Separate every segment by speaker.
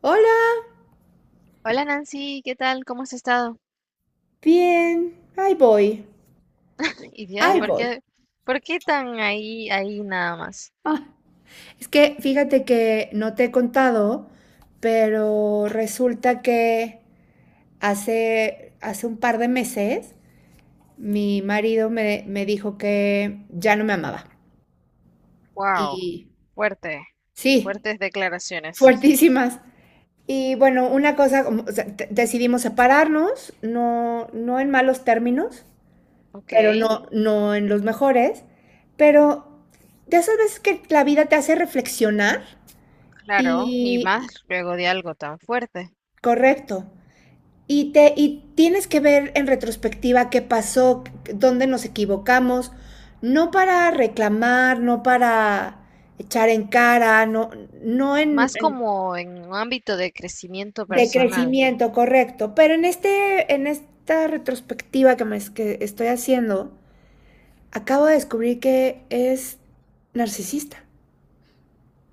Speaker 1: Hola,
Speaker 2: Hola Nancy, ¿qué tal? ¿Cómo has estado?
Speaker 1: bien, ahí voy,
Speaker 2: Y de
Speaker 1: ahí
Speaker 2: ahí
Speaker 1: bien voy.
Speaker 2: por qué tan ahí, ahí nada más?
Speaker 1: Es que fíjate que no te he contado, pero resulta que hace un par de meses mi marido me dijo que ya no me amaba.
Speaker 2: Wow,
Speaker 1: Y
Speaker 2: fuerte,
Speaker 1: sí,
Speaker 2: fuertes declaraciones.
Speaker 1: fuertísimas. Y bueno, una cosa, como, o sea, decidimos separarnos, no en malos términos,
Speaker 2: Ok,
Speaker 1: pero no en los mejores. Pero de esas veces que la vida te hace reflexionar
Speaker 2: claro, y
Speaker 1: y, y-
Speaker 2: más luego de algo tan fuerte.
Speaker 1: correcto. Y tienes que ver en retrospectiva qué pasó, dónde nos equivocamos, no para reclamar, no para echar en cara, no, no en,
Speaker 2: Más
Speaker 1: en-
Speaker 2: como en un ámbito de crecimiento
Speaker 1: de
Speaker 2: personal.
Speaker 1: crecimiento, correcto. Pero en en esta retrospectiva que que estoy haciendo, acabo de descubrir que es narcisista.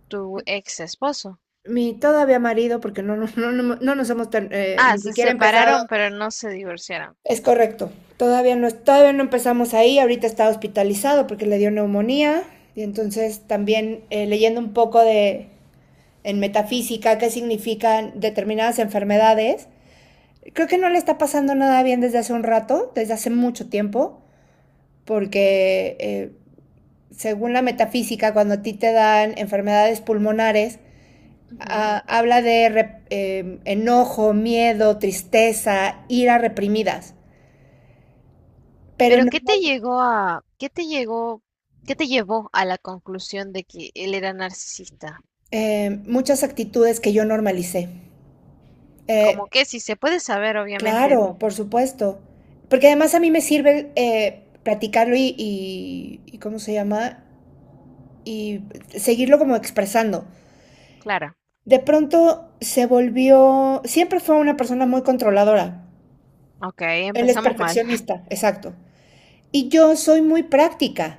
Speaker 2: Tu ex esposo.
Speaker 1: Mi todavía marido, porque no nos hemos
Speaker 2: Ah,
Speaker 1: ni
Speaker 2: se
Speaker 1: siquiera empezado.
Speaker 2: separaron, pero no se divorciaron.
Speaker 1: Es correcto. Todavía no, todavía no empezamos ahí. Ahorita está hospitalizado porque le dio neumonía. Y entonces también leyendo un poco de en metafísica qué significan determinadas enfermedades. Creo que no le está pasando nada bien desde hace un rato, desde hace mucho tiempo, porque según la metafísica, cuando a ti te dan enfermedades pulmonares,
Speaker 2: Ujú.
Speaker 1: ah, habla de enojo, miedo, tristeza, ira reprimidas, pero
Speaker 2: Pero
Speaker 1: no,
Speaker 2: ¿qué te llegó a, qué te llegó, qué te llevó a la conclusión de que él era narcisista?
Speaker 1: muchas actitudes que yo normalicé. Eh,
Speaker 2: Como que si se puede saber, obviamente.
Speaker 1: claro, por supuesto, porque además a mí me sirve platicarlo y ¿cómo se llama? Y seguirlo como expresando.
Speaker 2: Clara.
Speaker 1: De pronto se volvió, siempre fue una persona muy controladora.
Speaker 2: Ok,
Speaker 1: Él es
Speaker 2: empezamos mal.
Speaker 1: perfeccionista, exacto. Y yo soy muy práctica.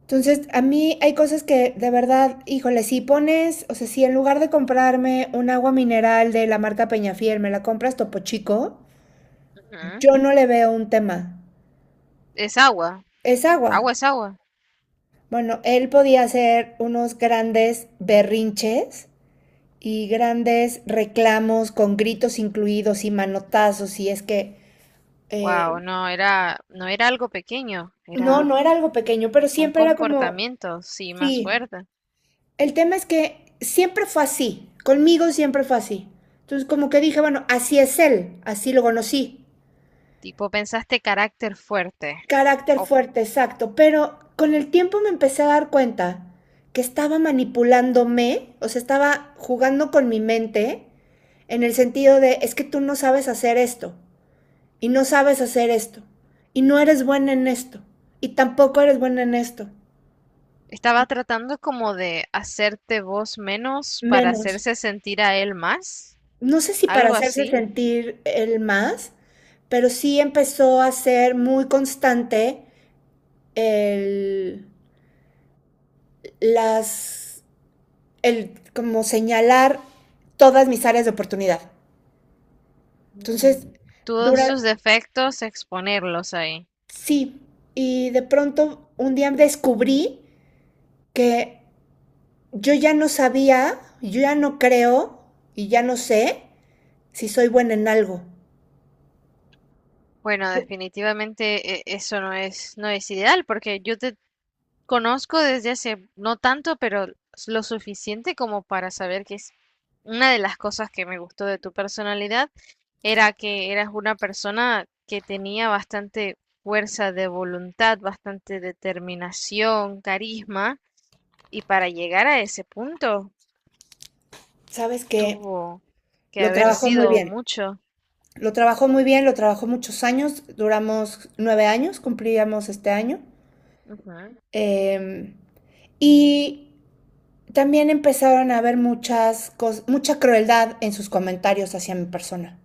Speaker 1: Entonces, a mí hay cosas que de verdad, híjole, si pones, o sea, si en lugar de comprarme un agua mineral de la marca Peñafiel, me la compras Topo Chico,
Speaker 2: Ujú.
Speaker 1: yo no le veo un tema.
Speaker 2: Es agua.
Speaker 1: Es
Speaker 2: Agua
Speaker 1: agua.
Speaker 2: es agua.
Speaker 1: Bueno, él podía hacer unos grandes berrinches y grandes reclamos con gritos incluidos y manotazos, y es que, eh,
Speaker 2: Wow, no era algo pequeño,
Speaker 1: no,
Speaker 2: era
Speaker 1: no era algo pequeño, pero
Speaker 2: un
Speaker 1: siempre era como,
Speaker 2: comportamiento, sí, más
Speaker 1: sí.
Speaker 2: fuerte.
Speaker 1: El tema es que siempre fue así, conmigo siempre fue así. Entonces como que dije, bueno, así es él, así lo conocí.
Speaker 2: Tipo, pensaste carácter fuerte.
Speaker 1: Carácter
Speaker 2: O
Speaker 1: fuerte, exacto, pero con el tiempo me empecé a dar cuenta que estaba manipulándome, o sea, estaba jugando con mi mente en el sentido de, es que tú no sabes hacer esto, y no sabes hacer esto, y no eres buena en esto, y tampoco eres buena en esto,
Speaker 2: estaba tratando como de hacerte vos menos para
Speaker 1: menos.
Speaker 2: hacerse sentir a él más,
Speaker 1: No sé si para
Speaker 2: algo
Speaker 1: hacerse
Speaker 2: así.
Speaker 1: sentir el más, pero sí empezó a ser muy constante el, las, el como señalar todas mis áreas de oportunidad. Entonces,
Speaker 2: Mm, todos
Speaker 1: dura,
Speaker 2: sus defectos, exponerlos ahí.
Speaker 1: sí, y de pronto un día descubrí que yo ya no sabía, yo ya no creo y ya no sé si soy buena en algo.
Speaker 2: Bueno, definitivamente eso no es, no es ideal, porque yo te conozco desde hace no tanto, pero lo suficiente como para saber que es una de las cosas que me gustó de tu personalidad era que eras una persona que tenía bastante fuerza de voluntad, bastante determinación, carisma, y para llegar a ese punto
Speaker 1: Sabes que
Speaker 2: tuvo que
Speaker 1: lo
Speaker 2: haber
Speaker 1: trabajó muy
Speaker 2: sido
Speaker 1: bien.
Speaker 2: mucho.
Speaker 1: Lo trabajó muy bien, lo trabajó muchos años, duramos 9 años, cumplíamos este año.
Speaker 2: Ujú.
Speaker 1: Eh, y también empezaron a haber muchas mucha crueldad en sus comentarios hacia mi persona.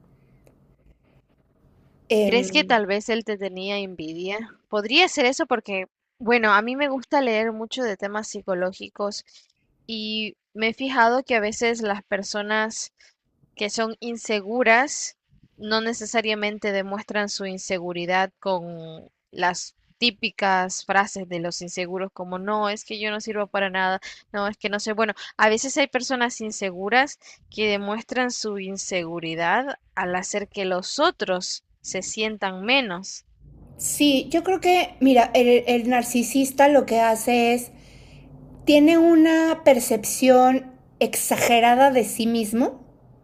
Speaker 2: ¿Crees que
Speaker 1: Em,
Speaker 2: tal vez él te tenía envidia? Podría ser eso porque, bueno, a mí me gusta leer mucho de temas psicológicos y me he fijado que a veces las personas que son inseguras no necesariamente demuestran su inseguridad con las típicas frases de los inseguros como no, es que yo no sirvo para nada, no, es que no sé. Bueno, a veces hay personas inseguras que demuestran su inseguridad al hacer que los otros se sientan menos,
Speaker 1: sí, yo creo que, mira, el narcisista lo que hace es, tiene una percepción exagerada de sí mismo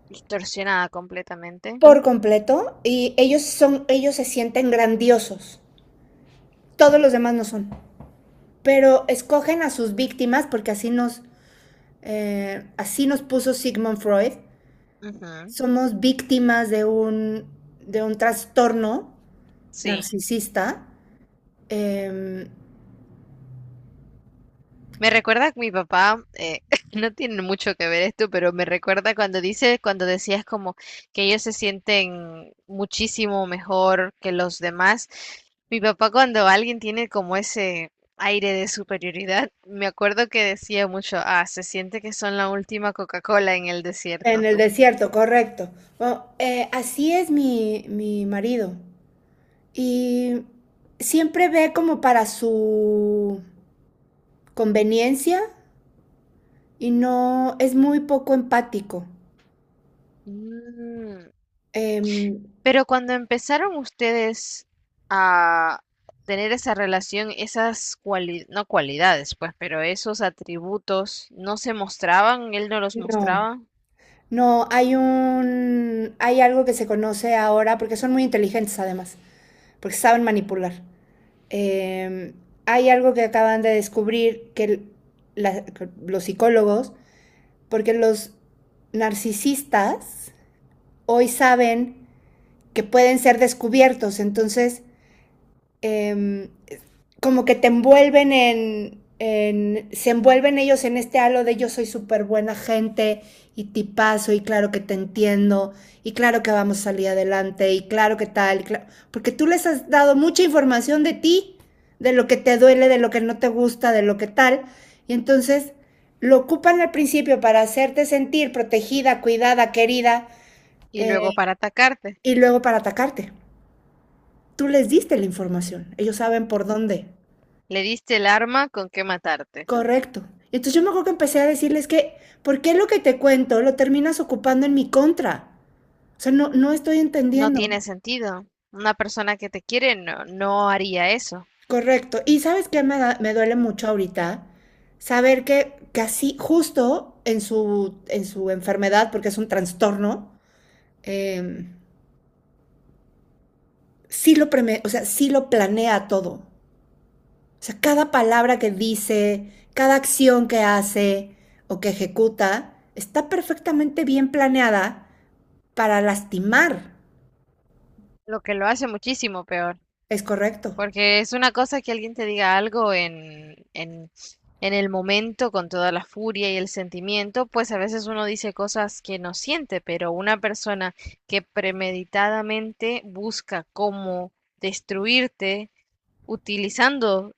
Speaker 2: distorsionada completamente.
Speaker 1: por completo y ellos ellos se sienten grandiosos. Todos los demás no son. Pero escogen a sus víctimas porque así nos puso Sigmund Freud.
Speaker 2: Ujú.
Speaker 1: Somos víctimas de de un trastorno
Speaker 2: Sí.
Speaker 1: narcisista. eh,
Speaker 2: Me recuerda que mi papá, no tiene mucho que ver esto, pero me recuerda cuando dice, cuando decías como que ellos se sienten muchísimo mejor que los demás. Mi papá cuando alguien tiene como ese aire de superioridad, me acuerdo que decía mucho, ah, se siente que son la última Coca-Cola en el
Speaker 1: en
Speaker 2: desierto.
Speaker 1: el desierto, correcto. Bueno, así es mi marido. Y siempre ve como para su conveniencia y no es muy poco empático.
Speaker 2: Mm,
Speaker 1: Eh,
Speaker 2: pero cuando empezaron ustedes a tener esa relación, esas cualidades, no cualidades, pues, pero esos atributos no se mostraban, él no los
Speaker 1: no,
Speaker 2: mostraba,
Speaker 1: No, hay un, hay algo que se conoce ahora, porque son muy inteligentes además, porque saben manipular. Eh, Hay algo que acaban de descubrir que que los psicólogos, porque los narcisistas hoy saben que pueden ser descubiertos, entonces eh, como que te envuelven se envuelven ellos en este halo de yo soy súper buena gente y tipazo y claro que te entiendo y claro que vamos a salir adelante y claro que tal, y claro, porque tú les has dado mucha información de ti, de lo que te duele, de lo que no te gusta, de lo que tal, y entonces lo ocupan al principio para hacerte sentir protegida, cuidada, querida,
Speaker 2: y luego
Speaker 1: eh,
Speaker 2: para atacarte,
Speaker 1: y luego para atacarte. Tú les diste la información, ellos saben por dónde.
Speaker 2: le diste el arma con que matarte.
Speaker 1: Correcto. Y entonces yo me acuerdo que empecé a decirles que, ¿por qué lo que te cuento lo terminas ocupando en mi contra? O sea, no, no estoy
Speaker 2: No
Speaker 1: entendiendo.
Speaker 2: tiene sentido. Una persona que te quiere no, no haría eso,
Speaker 1: Correcto. Y sabes qué me, me duele mucho ahorita saber que casi justo en su enfermedad, porque es un trastorno, eh, sí lo o sea, sí lo planea todo. O sea, cada palabra que dice, cada acción que hace o que ejecuta, está perfectamente bien planeada para lastimar.
Speaker 2: lo que lo hace muchísimo peor.
Speaker 1: Es correcto.
Speaker 2: Porque es una cosa que alguien te diga algo en el momento, con toda la furia y el sentimiento, pues a veces uno dice cosas que no siente, pero una persona que premeditadamente busca cómo destruirte utilizando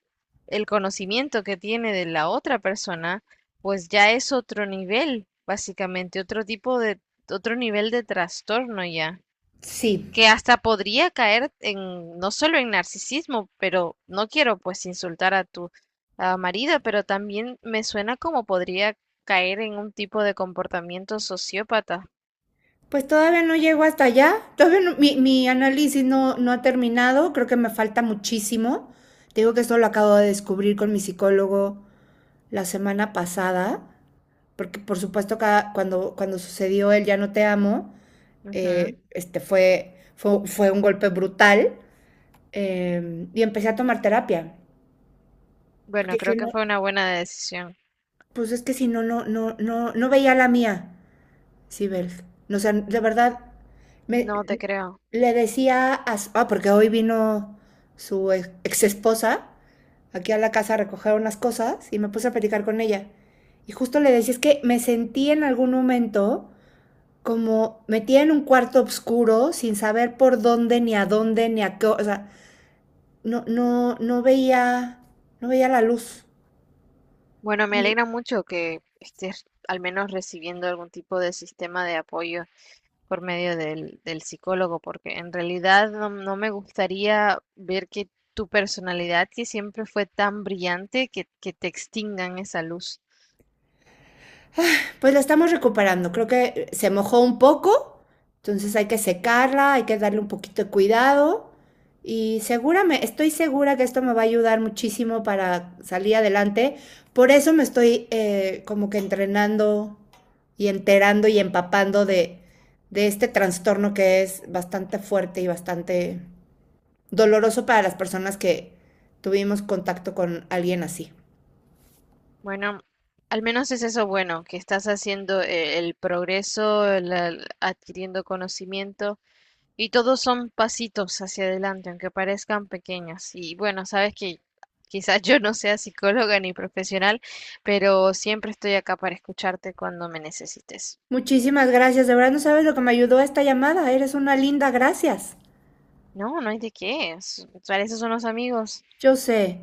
Speaker 2: el conocimiento que tiene de la otra persona, pues ya es otro nivel, básicamente, otro tipo de, otro nivel de trastorno ya
Speaker 1: Sí.
Speaker 2: que hasta podría caer en, no solo en narcisismo, pero no quiero pues insultar a tu ah, marido, pero también me suena como podría caer en un tipo de comportamiento sociópata.
Speaker 1: Pues todavía no llego hasta allá. Todavía no- mi análisis no, no ha terminado. Creo que me falta muchísimo. Te digo que esto lo acabo de descubrir con mi psicólogo la semana pasada. Porque, por supuesto, cuando, cuando sucedió el ya no te amo,
Speaker 2: Ujú.
Speaker 1: este fue un golpe brutal. Y empecé a tomar terapia.
Speaker 2: Bueno,
Speaker 1: Porque
Speaker 2: creo
Speaker 1: que no,
Speaker 2: que fue una buena decisión.
Speaker 1: pues es que si no, no veía la mía. Sí, Bel. O sea, de verdad, me,
Speaker 2: No te creo.
Speaker 1: le decía a... porque hoy vino su ex esposa aquí a la casa a recoger unas cosas y me puse a platicar con ella. Y justo le decía, es que me sentí en algún momento como metida en un cuarto oscuro sin saber por dónde, ni a qué... O sea, no veía, no veía la luz.
Speaker 2: Bueno, me alegra mucho que estés al menos recibiendo algún tipo de sistema de apoyo por medio del psicólogo, porque en realidad no, no me gustaría ver que tu personalidad, que siempre fue tan brillante, que te extingan esa luz.
Speaker 1: Pues la estamos recuperando. Creo que se mojó un poco, entonces hay que secarla, hay que darle un poquito de cuidado. Y seguramente, estoy segura que esto me va a ayudar muchísimo para salir adelante. Por eso me estoy como que entrenando y enterando y empapando de este trastorno que es bastante fuerte y bastante doloroso para las personas que tuvimos contacto con alguien así.
Speaker 2: Bueno, al menos es eso bueno, que estás haciendo el progreso, el adquiriendo conocimiento, y todos son pasitos hacia adelante, aunque parezcan pequeños. Y bueno, sabes que quizás yo no sea psicóloga ni profesional, pero siempre estoy acá para escucharte cuando me necesites.
Speaker 1: Muchísimas gracias, de verdad no sabes lo que me ayudó esta llamada, eres una linda, gracias.
Speaker 2: No, no hay de qué. Para eso son los amigos.
Speaker 1: Yo sé,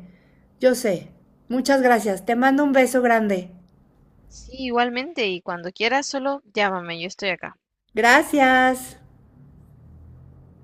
Speaker 1: yo sé. Muchas gracias, te mando un beso grande.
Speaker 2: Sí, igualmente. Y cuando quieras, solo llámame. Yo estoy acá.
Speaker 1: Gracias.